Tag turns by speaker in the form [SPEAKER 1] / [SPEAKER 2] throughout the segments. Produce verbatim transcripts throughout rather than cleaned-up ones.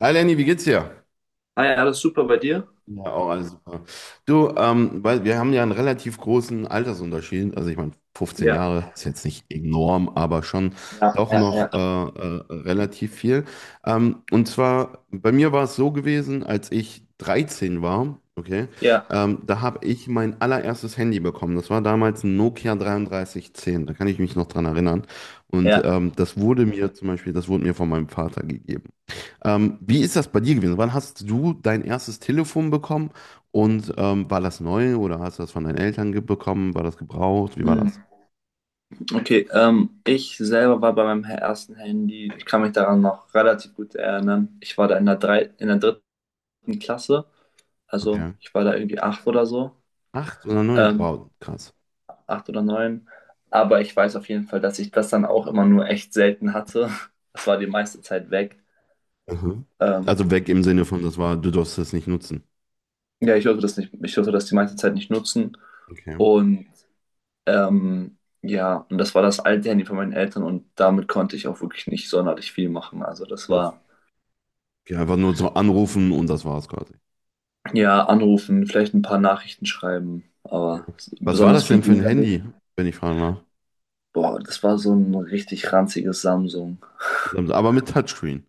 [SPEAKER 1] Hi Lenny, wie geht's dir?
[SPEAKER 2] Ah ja, alles super bei dir?
[SPEAKER 1] Ja, ja, auch alles super. Du, ähm, weil wir haben ja einen relativ großen Altersunterschied. Also ich meine, fünfzehn
[SPEAKER 2] Ja,
[SPEAKER 1] Jahre ist jetzt nicht enorm, aber schon
[SPEAKER 2] ja,
[SPEAKER 1] doch
[SPEAKER 2] ja, ja,
[SPEAKER 1] noch äh, äh, relativ viel. Ähm, und zwar, bei mir war es so gewesen, als ich dreizehn war, okay,
[SPEAKER 2] ja,
[SPEAKER 1] ähm, da habe ich mein allererstes Handy bekommen. Das war damals ein Nokia drei drei eins null, da kann ich mich noch dran erinnern. Und
[SPEAKER 2] ja.
[SPEAKER 1] ähm, das wurde mir zum Beispiel, das wurde mir von meinem Vater gegeben. Ähm, wie ist das bei dir gewesen? Wann hast du dein erstes Telefon bekommen und ähm, war das neu oder hast du das von deinen Eltern ge- bekommen? War das gebraucht? Wie war
[SPEAKER 2] Hm,
[SPEAKER 1] das?
[SPEAKER 2] Okay, ähm, ich selber war bei meinem ersten Handy. Ich kann mich daran noch relativ gut erinnern. Ich war da in der drei, in der dritten Klasse, also
[SPEAKER 1] Okay.
[SPEAKER 2] ich war da irgendwie acht oder so,
[SPEAKER 1] Acht oder neun?
[SPEAKER 2] ähm,
[SPEAKER 1] Wow, krass.
[SPEAKER 2] acht oder neun. Aber ich weiß auf jeden Fall, dass ich das dann auch immer nur echt selten hatte. Das war die meiste Zeit weg.
[SPEAKER 1] Mhm.
[SPEAKER 2] Ähm,
[SPEAKER 1] Also weg im Sinne von, das war, du darfst das nicht nutzen.
[SPEAKER 2] ja, ich durfte das nicht, ich durfte das die meiste Zeit nicht nutzen.
[SPEAKER 1] Okay.
[SPEAKER 2] Und Ähm, ja, und das war das alte Handy von meinen Eltern, und damit konnte ich auch wirklich nicht sonderlich viel machen. Also das
[SPEAKER 1] Das,
[SPEAKER 2] war
[SPEAKER 1] ja, einfach nur so anrufen und das war's quasi.
[SPEAKER 2] ja anrufen, vielleicht ein paar Nachrichten schreiben, aber s-
[SPEAKER 1] Was war
[SPEAKER 2] besonders
[SPEAKER 1] das
[SPEAKER 2] viel
[SPEAKER 1] denn für ein
[SPEAKER 2] ging da nicht.
[SPEAKER 1] Handy, wenn ich fragen darf?
[SPEAKER 2] Boah, das war so ein richtig ranziges Samsung.
[SPEAKER 1] Aber mit Touchscreen.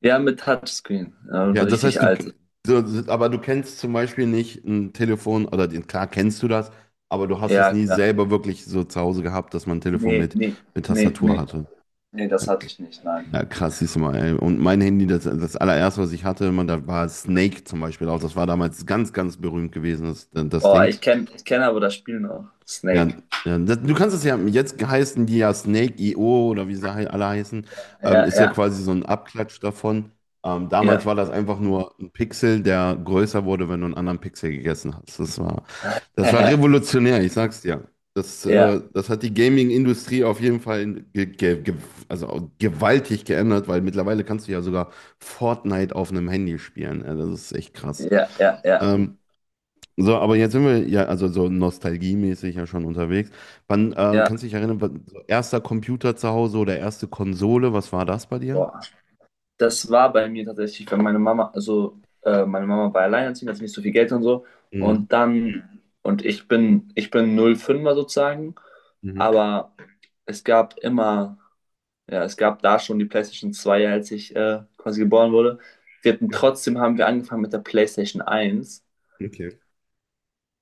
[SPEAKER 2] Ja, mit Touchscreen, äh, ein
[SPEAKER 1] Ja, das
[SPEAKER 2] richtig
[SPEAKER 1] heißt, du,
[SPEAKER 2] altes.
[SPEAKER 1] du, aber du kennst zum Beispiel nicht ein Telefon oder den, klar kennst du das, aber du hast es
[SPEAKER 2] Ja,
[SPEAKER 1] nie
[SPEAKER 2] klar.
[SPEAKER 1] selber wirklich so zu Hause gehabt, dass man ein Telefon
[SPEAKER 2] Nee,
[SPEAKER 1] mit,
[SPEAKER 2] nee,
[SPEAKER 1] mit
[SPEAKER 2] nee,
[SPEAKER 1] Tastatur
[SPEAKER 2] nee,
[SPEAKER 1] hatte.
[SPEAKER 2] nee,
[SPEAKER 1] Ja,
[SPEAKER 2] das hatte
[SPEAKER 1] k-
[SPEAKER 2] ich nicht, nein.
[SPEAKER 1] ja, krass, siehst du mal. Ey. Und mein Handy, das, das allererste, was ich hatte, man, da war Snake zum Beispiel auch. Das war damals ganz, ganz berühmt gewesen, das, das
[SPEAKER 2] Boah,
[SPEAKER 1] Ding.
[SPEAKER 2] ich kenne ich kenn aber das Spiel noch.
[SPEAKER 1] Ja,
[SPEAKER 2] Snake.
[SPEAKER 1] ja, das, du kannst es ja, jetzt heißen die ja Snake, Snake.io oder wie sie hei- alle heißen, ähm,
[SPEAKER 2] Ja,
[SPEAKER 1] ist ja
[SPEAKER 2] ja,
[SPEAKER 1] quasi so ein Abklatsch davon. Ähm, damals
[SPEAKER 2] ja.
[SPEAKER 1] war das einfach nur ein Pixel, der größer wurde, wenn du einen anderen Pixel gegessen hast. Das war, das war revolutionär, ich sag's dir. Das, äh,
[SPEAKER 2] Ja,
[SPEAKER 1] das hat die Gaming-Industrie auf jeden Fall ge ge ge also gewaltig geändert, weil mittlerweile kannst du ja sogar Fortnite auf einem Handy spielen. Ja, das ist echt krass.
[SPEAKER 2] ja, ja, ja,
[SPEAKER 1] Ähm, so, aber jetzt sind wir ja, also so nostalgiemäßig ja schon unterwegs. Wann, äh,
[SPEAKER 2] ja.
[SPEAKER 1] kannst du dich erinnern, wann- so erster Computer zu Hause oder erste Konsole, was war das bei dir?
[SPEAKER 2] Boah. Das war bei mir tatsächlich, weil meine Mama, also äh, meine Mama war alleinerziehend, hat nicht so viel Geld und so.
[SPEAKER 1] Mhm.
[SPEAKER 2] Und dann, und ich bin, ich bin null fünfer sozusagen,
[SPEAKER 1] Mhm.
[SPEAKER 2] aber es gab immer, ja, es gab da schon die PlayStation zwei, als ich äh, quasi geboren wurde. Wir hatten, trotzdem haben wir angefangen mit der PlayStation eins,
[SPEAKER 1] Okay.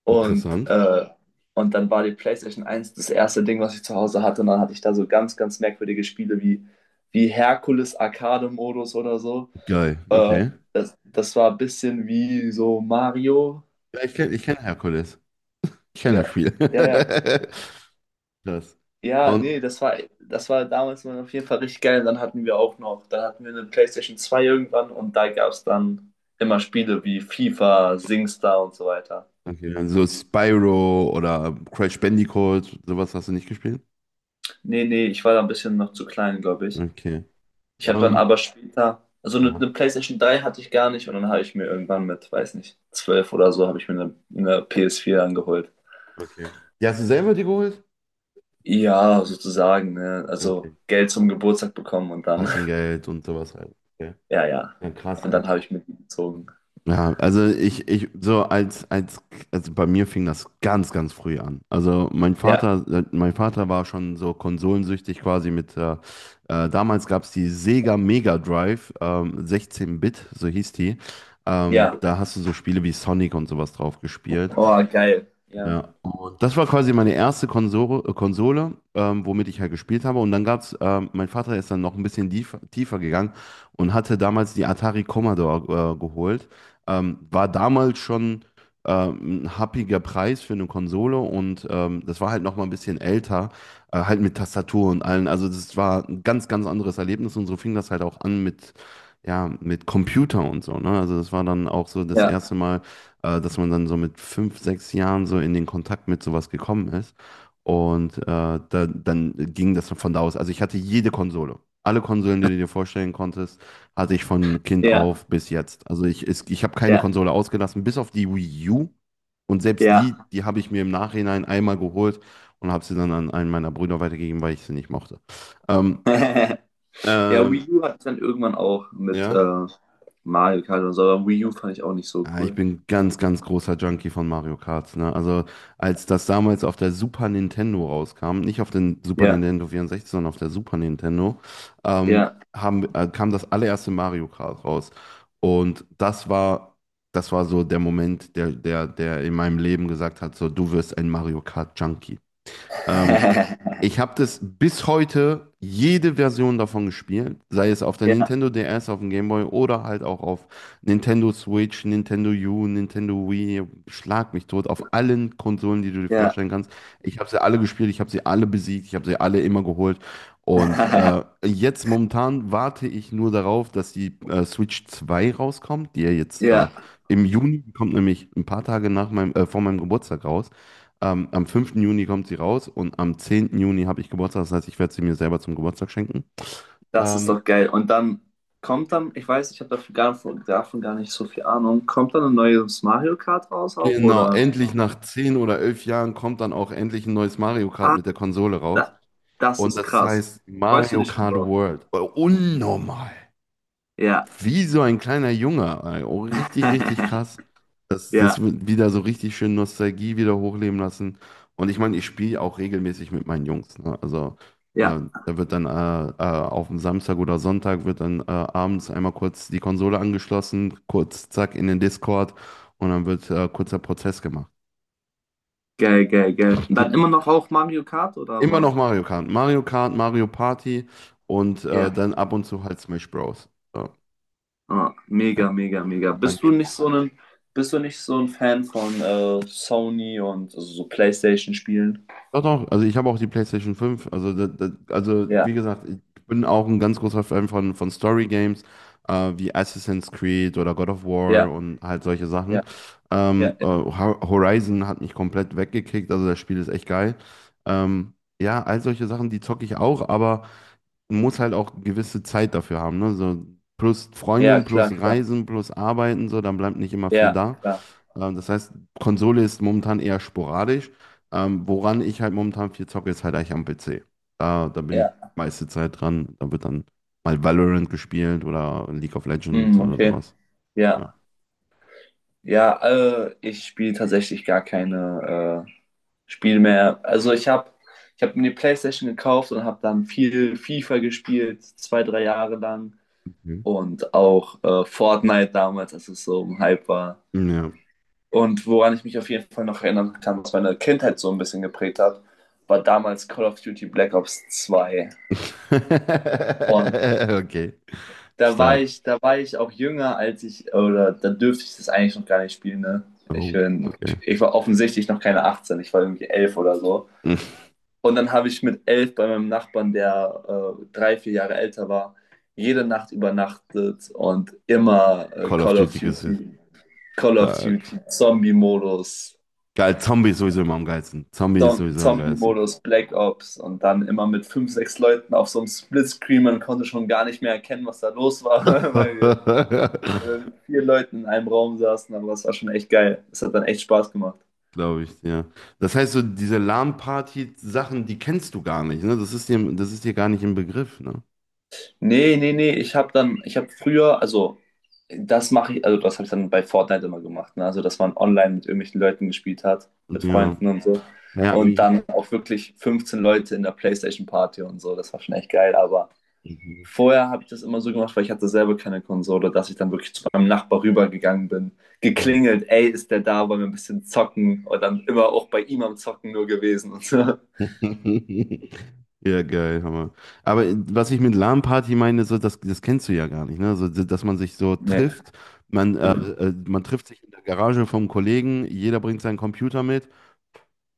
[SPEAKER 2] und,
[SPEAKER 1] Interessant.
[SPEAKER 2] äh, und dann war die PlayStation eins das erste Ding, was ich zu Hause hatte. Und dann hatte ich da so ganz, ganz merkwürdige Spiele wie, wie Herkules Arcade-Modus oder so.
[SPEAKER 1] Geil,
[SPEAKER 2] Äh,
[SPEAKER 1] okay.
[SPEAKER 2] Das, das war ein bisschen wie so Mario.
[SPEAKER 1] Ja, ich kenne ich kenn Herkules. Ich kenne das
[SPEAKER 2] Ja,
[SPEAKER 1] Spiel.
[SPEAKER 2] ja, ja.
[SPEAKER 1] Das.
[SPEAKER 2] Ja,
[SPEAKER 1] Und,
[SPEAKER 2] nee, das war, das war damals mal auf jeden Fall richtig geil. Und dann hatten wir auch noch, dann hatten wir eine PlayStation zwei irgendwann, und da gab es dann immer Spiele wie FIFA, SingStar und so weiter.
[SPEAKER 1] okay, also Spyro oder Crash Bandicoot, sowas hast du nicht gespielt?
[SPEAKER 2] Nee, nee, ich war da ein bisschen noch zu klein, glaube ich.
[SPEAKER 1] Okay.
[SPEAKER 2] Ich habe dann
[SPEAKER 1] Ähm,
[SPEAKER 2] aber später, also eine,
[SPEAKER 1] ja,
[SPEAKER 2] eine PlayStation drei hatte ich gar nicht, und dann habe ich mir irgendwann mit, weiß nicht, zwölf oder so, habe ich mir eine, eine pe es vier angeholt.
[SPEAKER 1] okay. Die hast du selber dir geholt?
[SPEAKER 2] Ja, sozusagen, ne? Also
[SPEAKER 1] Okay.
[SPEAKER 2] Geld zum Geburtstag bekommen und dann,
[SPEAKER 1] Taschengeld und sowas halt. Okay.
[SPEAKER 2] ja, ja.
[SPEAKER 1] Ja, krass,
[SPEAKER 2] Und
[SPEAKER 1] ey.
[SPEAKER 2] dann habe ich mitgezogen.
[SPEAKER 1] Ja, also ich, ich, so als, als, also bei mir fing das ganz, ganz früh an. Also mein
[SPEAKER 2] Ja,
[SPEAKER 1] Vater, äh, mein Vater war schon so konsolensüchtig quasi mit, äh, äh, damals gab es die Sega Mega Drive, ähm, sechzehn-Bit, so hieß die. Ähm,
[SPEAKER 2] ja.
[SPEAKER 1] da hast du so Spiele wie Sonic und sowas drauf gespielt.
[SPEAKER 2] Oh, geil. Ja,
[SPEAKER 1] Ja, und das war quasi meine erste Konsole, äh, Konsole ähm, womit ich halt gespielt habe. Und dann gab's, ähm, mein Vater ist dann noch ein bisschen tief, tiefer gegangen und hatte damals die Atari Commodore äh, geholt. Ähm, war damals schon ähm, ein happiger Preis für eine Konsole und ähm, das war halt noch mal ein bisschen älter, äh, halt mit Tastatur und allen. Also das war ein ganz, ganz anderes Erlebnis und so fing das halt auch an mit, ja, mit Computer und so, ne? Also das war dann auch so das erste
[SPEAKER 2] ja,
[SPEAKER 1] Mal äh, dass man dann so mit fünf, sechs Jahren so in den Kontakt mit sowas gekommen ist. Und äh, da, dann ging das von da aus. Also ich hatte jede Konsole. Alle Konsolen, die du dir vorstellen konntest, hatte ich von Kind
[SPEAKER 2] ja,
[SPEAKER 1] auf bis jetzt. Also ich, es- ich habe keine
[SPEAKER 2] ja,
[SPEAKER 1] Konsole ausgelassen, bis auf die Wii U. Und selbst die,
[SPEAKER 2] ja.
[SPEAKER 1] die habe ich mir im Nachhinein einmal geholt und habe sie dann an einen meiner Brüder weitergegeben, weil ich sie nicht mochte. Ähm,
[SPEAKER 2] Ja,
[SPEAKER 1] ähm,
[SPEAKER 2] Wii U hatte ich dann irgendwann auch mit
[SPEAKER 1] ja.
[SPEAKER 2] äh, Mario Kart und so, aber Wii U fand ich auch nicht so
[SPEAKER 1] Ja, ich
[SPEAKER 2] cool.
[SPEAKER 1] bin ganz, ganz großer Junkie von Mario Kart. Ne? Also als das damals auf der Super Nintendo rauskam, nicht auf den Super
[SPEAKER 2] Ja,
[SPEAKER 1] Nintendo vierundsechzig, sondern auf der Super Nintendo, ähm,
[SPEAKER 2] ja.
[SPEAKER 1] haben, äh, kam das allererste Mario Kart raus. Und das war, das war so der Moment, der, der, der in meinem Leben gesagt hat, so, du wirst ein Mario Kart Junkie. Ähm, Ich habe das bis heute jede Version davon gespielt, sei es auf der
[SPEAKER 2] Ja,
[SPEAKER 1] Nintendo D S, auf dem Game Boy oder halt auch auf Nintendo Switch, Nintendo U, Nintendo Wii, schlag mich tot, auf allen Konsolen, die du dir
[SPEAKER 2] ja.
[SPEAKER 1] vorstellen kannst. Ich habe sie alle gespielt, ich habe sie alle besiegt, ich habe sie alle immer geholt. Und äh, jetzt momentan warte ich nur darauf, dass die äh, Switch zwei rauskommt, die ja jetzt äh,
[SPEAKER 2] Ja.
[SPEAKER 1] im Juni die kommt, nämlich ein paar Tage nach meinem, äh, vor meinem Geburtstag raus. Ähm, am fünften Juni kommt sie raus und am zehnten Juni habe ich Geburtstag. Das heißt, ich werde sie mir selber zum Geburtstag schenken.
[SPEAKER 2] Das ist
[SPEAKER 1] Ähm,
[SPEAKER 2] doch geil. Und dann kommt dann, ich weiß, ich habe dafür gar, von- davon gar nicht so viel Ahnung, kommt dann ein neues Mario Kart raus auch,
[SPEAKER 1] genau,
[SPEAKER 2] oder?
[SPEAKER 1] endlich nach zehn oder elf Jahren kommt dann auch endlich ein neues Mario Kart
[SPEAKER 2] Ah,
[SPEAKER 1] mit der Konsole raus.
[SPEAKER 2] da, das
[SPEAKER 1] Und
[SPEAKER 2] ist
[SPEAKER 1] das
[SPEAKER 2] krass.
[SPEAKER 1] heißt
[SPEAKER 2] Freust du
[SPEAKER 1] Mario
[SPEAKER 2] dich schon
[SPEAKER 1] Kart
[SPEAKER 2] drauf?
[SPEAKER 1] World. Äh, Unnormal.
[SPEAKER 2] Ja.
[SPEAKER 1] Wie so ein kleiner Junge, ey. Oh, richtig, richtig krass. Das, das
[SPEAKER 2] Ja,
[SPEAKER 1] wird wieder so richtig schön Nostalgie wieder hochleben lassen. Und ich meine, ich spiele auch regelmäßig mit meinen Jungs. Ne? Also
[SPEAKER 2] ja.
[SPEAKER 1] äh, da wird dann äh, äh, auf dem Samstag oder Sonntag wird dann äh, abends einmal kurz die Konsole angeschlossen, kurz zack in den Discord und dann wird äh, kurzer Prozess gemacht.
[SPEAKER 2] Geil, geil, geil. Und dann immer noch auch Mario Kart oder
[SPEAKER 1] Immer
[SPEAKER 2] was?
[SPEAKER 1] noch Mario Kart. Mario Kart, Mario Party und äh,
[SPEAKER 2] Ja.
[SPEAKER 1] dann ab und zu halt Smash Bros. So,
[SPEAKER 2] Ah,
[SPEAKER 1] ja.
[SPEAKER 2] mega, mega, mega.
[SPEAKER 1] Und dann
[SPEAKER 2] Bist du nicht
[SPEAKER 1] gehen,
[SPEAKER 2] so ein, bist du nicht so ein Fan von äh, Sony und also so PlayStation-Spielen?
[SPEAKER 1] Doch, doch, also ich habe auch die PlayStation fünf. Also, da, da, also
[SPEAKER 2] Ja,
[SPEAKER 1] wie gesagt, ich bin auch ein ganz großer Fan von, von Story Games, äh, wie Assassin's Creed oder God of
[SPEAKER 2] ja,
[SPEAKER 1] War und halt solche Sachen.
[SPEAKER 2] ja, ja,
[SPEAKER 1] Ähm, äh,
[SPEAKER 2] ja.
[SPEAKER 1] Ho- Horizon hat mich komplett weggekickt, also das Spiel ist echt geil. Ähm, ja, all solche Sachen, die zocke ich auch, aber man muss halt auch gewisse Zeit dafür haben, ne? So plus
[SPEAKER 2] Ja,
[SPEAKER 1] Freundin, plus
[SPEAKER 2] klar, klar.
[SPEAKER 1] Reisen, plus Arbeiten, so, dann bleibt nicht immer viel
[SPEAKER 2] Ja,
[SPEAKER 1] da.
[SPEAKER 2] klar.
[SPEAKER 1] Ähm, das heißt, Konsole ist momentan eher sporadisch. Ähm, woran ich halt momentan viel zocke, ist halt eigentlich am P C. Da, da bin ich
[SPEAKER 2] Ja.
[SPEAKER 1] meiste Zeit dran. Da wird dann mal Valorant gespielt oder League of Legends
[SPEAKER 2] Hm,
[SPEAKER 1] oder
[SPEAKER 2] okay.
[SPEAKER 1] sowas.
[SPEAKER 2] Ja.
[SPEAKER 1] Ja.
[SPEAKER 2] Ja, äh, ich spiele tatsächlich gar keine äh, Spiele mehr. Also ich habe ich hab mir die PlayStation gekauft und habe dann viel FIFA gespielt, zwei, drei Jahre lang.
[SPEAKER 1] Mhm.
[SPEAKER 2] Und auch äh, Fortnite damals, als es so im Hype war.
[SPEAKER 1] Ja.
[SPEAKER 2] Und woran ich mich auf jeden Fall noch erinnern kann, was meine Kindheit so ein bisschen geprägt hat, war damals Call of Duty Black Ops zwei
[SPEAKER 1] Okay.
[SPEAKER 2] da war
[SPEAKER 1] Stark.
[SPEAKER 2] ich, Da war ich auch jünger, als ich, oder da dürfte ich das eigentlich noch gar nicht spielen, ne? Ich,
[SPEAKER 1] Oh,
[SPEAKER 2] bin,
[SPEAKER 1] okay.
[SPEAKER 2] Ich war offensichtlich noch keine achtzehn, ich war irgendwie elf oder so. Und dann habe ich mit elf bei meinem Nachbarn, der äh, drei, vier Jahre älter war, jede Nacht übernachtet, und immer äh,
[SPEAKER 1] Call of
[SPEAKER 2] Call of
[SPEAKER 1] Duty ist
[SPEAKER 2] Duty, Call of
[SPEAKER 1] stark.
[SPEAKER 2] Duty, Zombie-Modus,
[SPEAKER 1] Geil, Zombie ist sowieso immer am geilsten. Zombie ist
[SPEAKER 2] Zom
[SPEAKER 1] sowieso am geilsten.
[SPEAKER 2] Zombie-Modus, Black Ops, und dann immer mit fünf, sechs Leuten auf so einem Splitscreen. Man konnte schon gar nicht mehr erkennen, was da los war, weil wir ähm, vier Leuten in einem Raum saßen, aber es war schon echt geil. Es hat dann echt Spaß gemacht.
[SPEAKER 1] Glaube ich, ja. Das heißt, so diese LAN-Party-Sachen, die kennst du gar nicht, ne? Das ist dir, das ist dir gar nicht im Begriff, ne?
[SPEAKER 2] Nee, nee, nee, ich habe dann, ich habe früher, also das mache ich, also das habe ich dann bei Fortnite immer gemacht, ne? Also dass man online mit irgendwelchen Leuten gespielt hat, mit
[SPEAKER 1] Ja.
[SPEAKER 2] Freunden und so.
[SPEAKER 1] Ja, aber
[SPEAKER 2] Und
[SPEAKER 1] ich.
[SPEAKER 2] dann auch wirklich fünfzehn Leute in der PlayStation Party und so, das war schon echt geil, aber
[SPEAKER 1] Mhm.
[SPEAKER 2] vorher habe ich das immer so gemacht, weil ich hatte selber keine Konsole, dass ich dann wirklich zu meinem Nachbar rübergegangen bin, geklingelt, ey, ist der da, wollen wir ein bisschen zocken, und dann immer auch bei ihm am Zocken nur gewesen und so.
[SPEAKER 1] Ja, geil, Hammer. Aber was ich mit LAN-Party meine, so, das, das kennst du ja gar nicht, ne? So, dass man sich so
[SPEAKER 2] Nee,
[SPEAKER 1] trifft, man, äh, äh, man trifft sich in der Garage vom Kollegen, jeder bringt seinen Computer mit.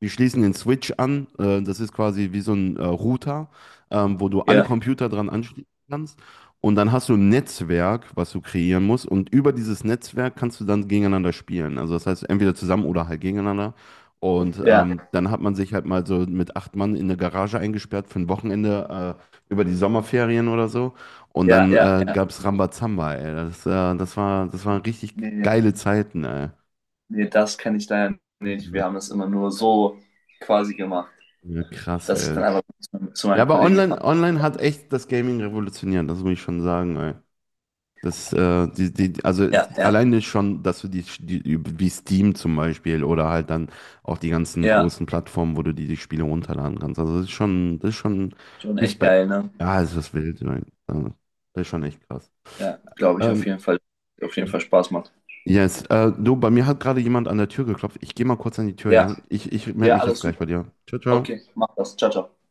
[SPEAKER 1] Wir schließen den Switch an. Äh, das ist quasi wie so ein äh, Router, ähm, wo du
[SPEAKER 2] ja,
[SPEAKER 1] alle Computer dran anschließen kannst. Und dann hast du ein Netzwerk, was du kreieren musst. Und über dieses Netzwerk kannst du dann gegeneinander spielen. Also das heißt, entweder zusammen oder halt gegeneinander. Und
[SPEAKER 2] ja,
[SPEAKER 1] ähm, dann hat man sich halt mal so mit acht Mann in eine Garage eingesperrt für ein Wochenende äh, über die Sommerferien oder so. Und
[SPEAKER 2] ja,
[SPEAKER 1] dann
[SPEAKER 2] ja,
[SPEAKER 1] äh,
[SPEAKER 2] ja.
[SPEAKER 1] gab es Rambazamba, ey. Das, äh, das war, das waren richtig
[SPEAKER 2] Nee,
[SPEAKER 1] geile Zeiten, ey.
[SPEAKER 2] nee, das kenne ich leider nicht. Wir haben das immer nur so quasi gemacht,
[SPEAKER 1] Ja, krass,
[SPEAKER 2] dass ich
[SPEAKER 1] ey.
[SPEAKER 2] dann einfach zu, zu
[SPEAKER 1] Ja,
[SPEAKER 2] meinen
[SPEAKER 1] aber
[SPEAKER 2] Kollegen gefahren
[SPEAKER 1] online, online hat echt das Gaming revolutioniert, das muss ich schon sagen, ey. Das, äh, die, die, also
[SPEAKER 2] bin. Ja, ja,
[SPEAKER 1] alleine schon, dass du die, die, wie Steam zum Beispiel oder halt dann auch die ganzen
[SPEAKER 2] ja.
[SPEAKER 1] großen Plattformen, wo du die, die Spiele runterladen kannst. Also das ist schon, das ist schon
[SPEAKER 2] Schon echt geil,
[SPEAKER 1] Respekt.
[SPEAKER 2] ne?
[SPEAKER 1] Ja, es ist was wild, ey. Also, das ist schon echt krass.
[SPEAKER 2] Ja, glaube ich auf
[SPEAKER 1] Ähm,
[SPEAKER 2] jeden Fall. Auf jeden Fall Spaß macht.
[SPEAKER 1] yes, äh, du, bei mir hat gerade jemand an der Tür geklopft. Ich gehe mal kurz an die Tür,
[SPEAKER 2] Ja,
[SPEAKER 1] ja? Ich, ich melde
[SPEAKER 2] ja,
[SPEAKER 1] mich
[SPEAKER 2] alles
[SPEAKER 1] jetzt gleich
[SPEAKER 2] super.
[SPEAKER 1] bei dir. Ciao, ciao.
[SPEAKER 2] Okay, mach das. Ciao, ciao.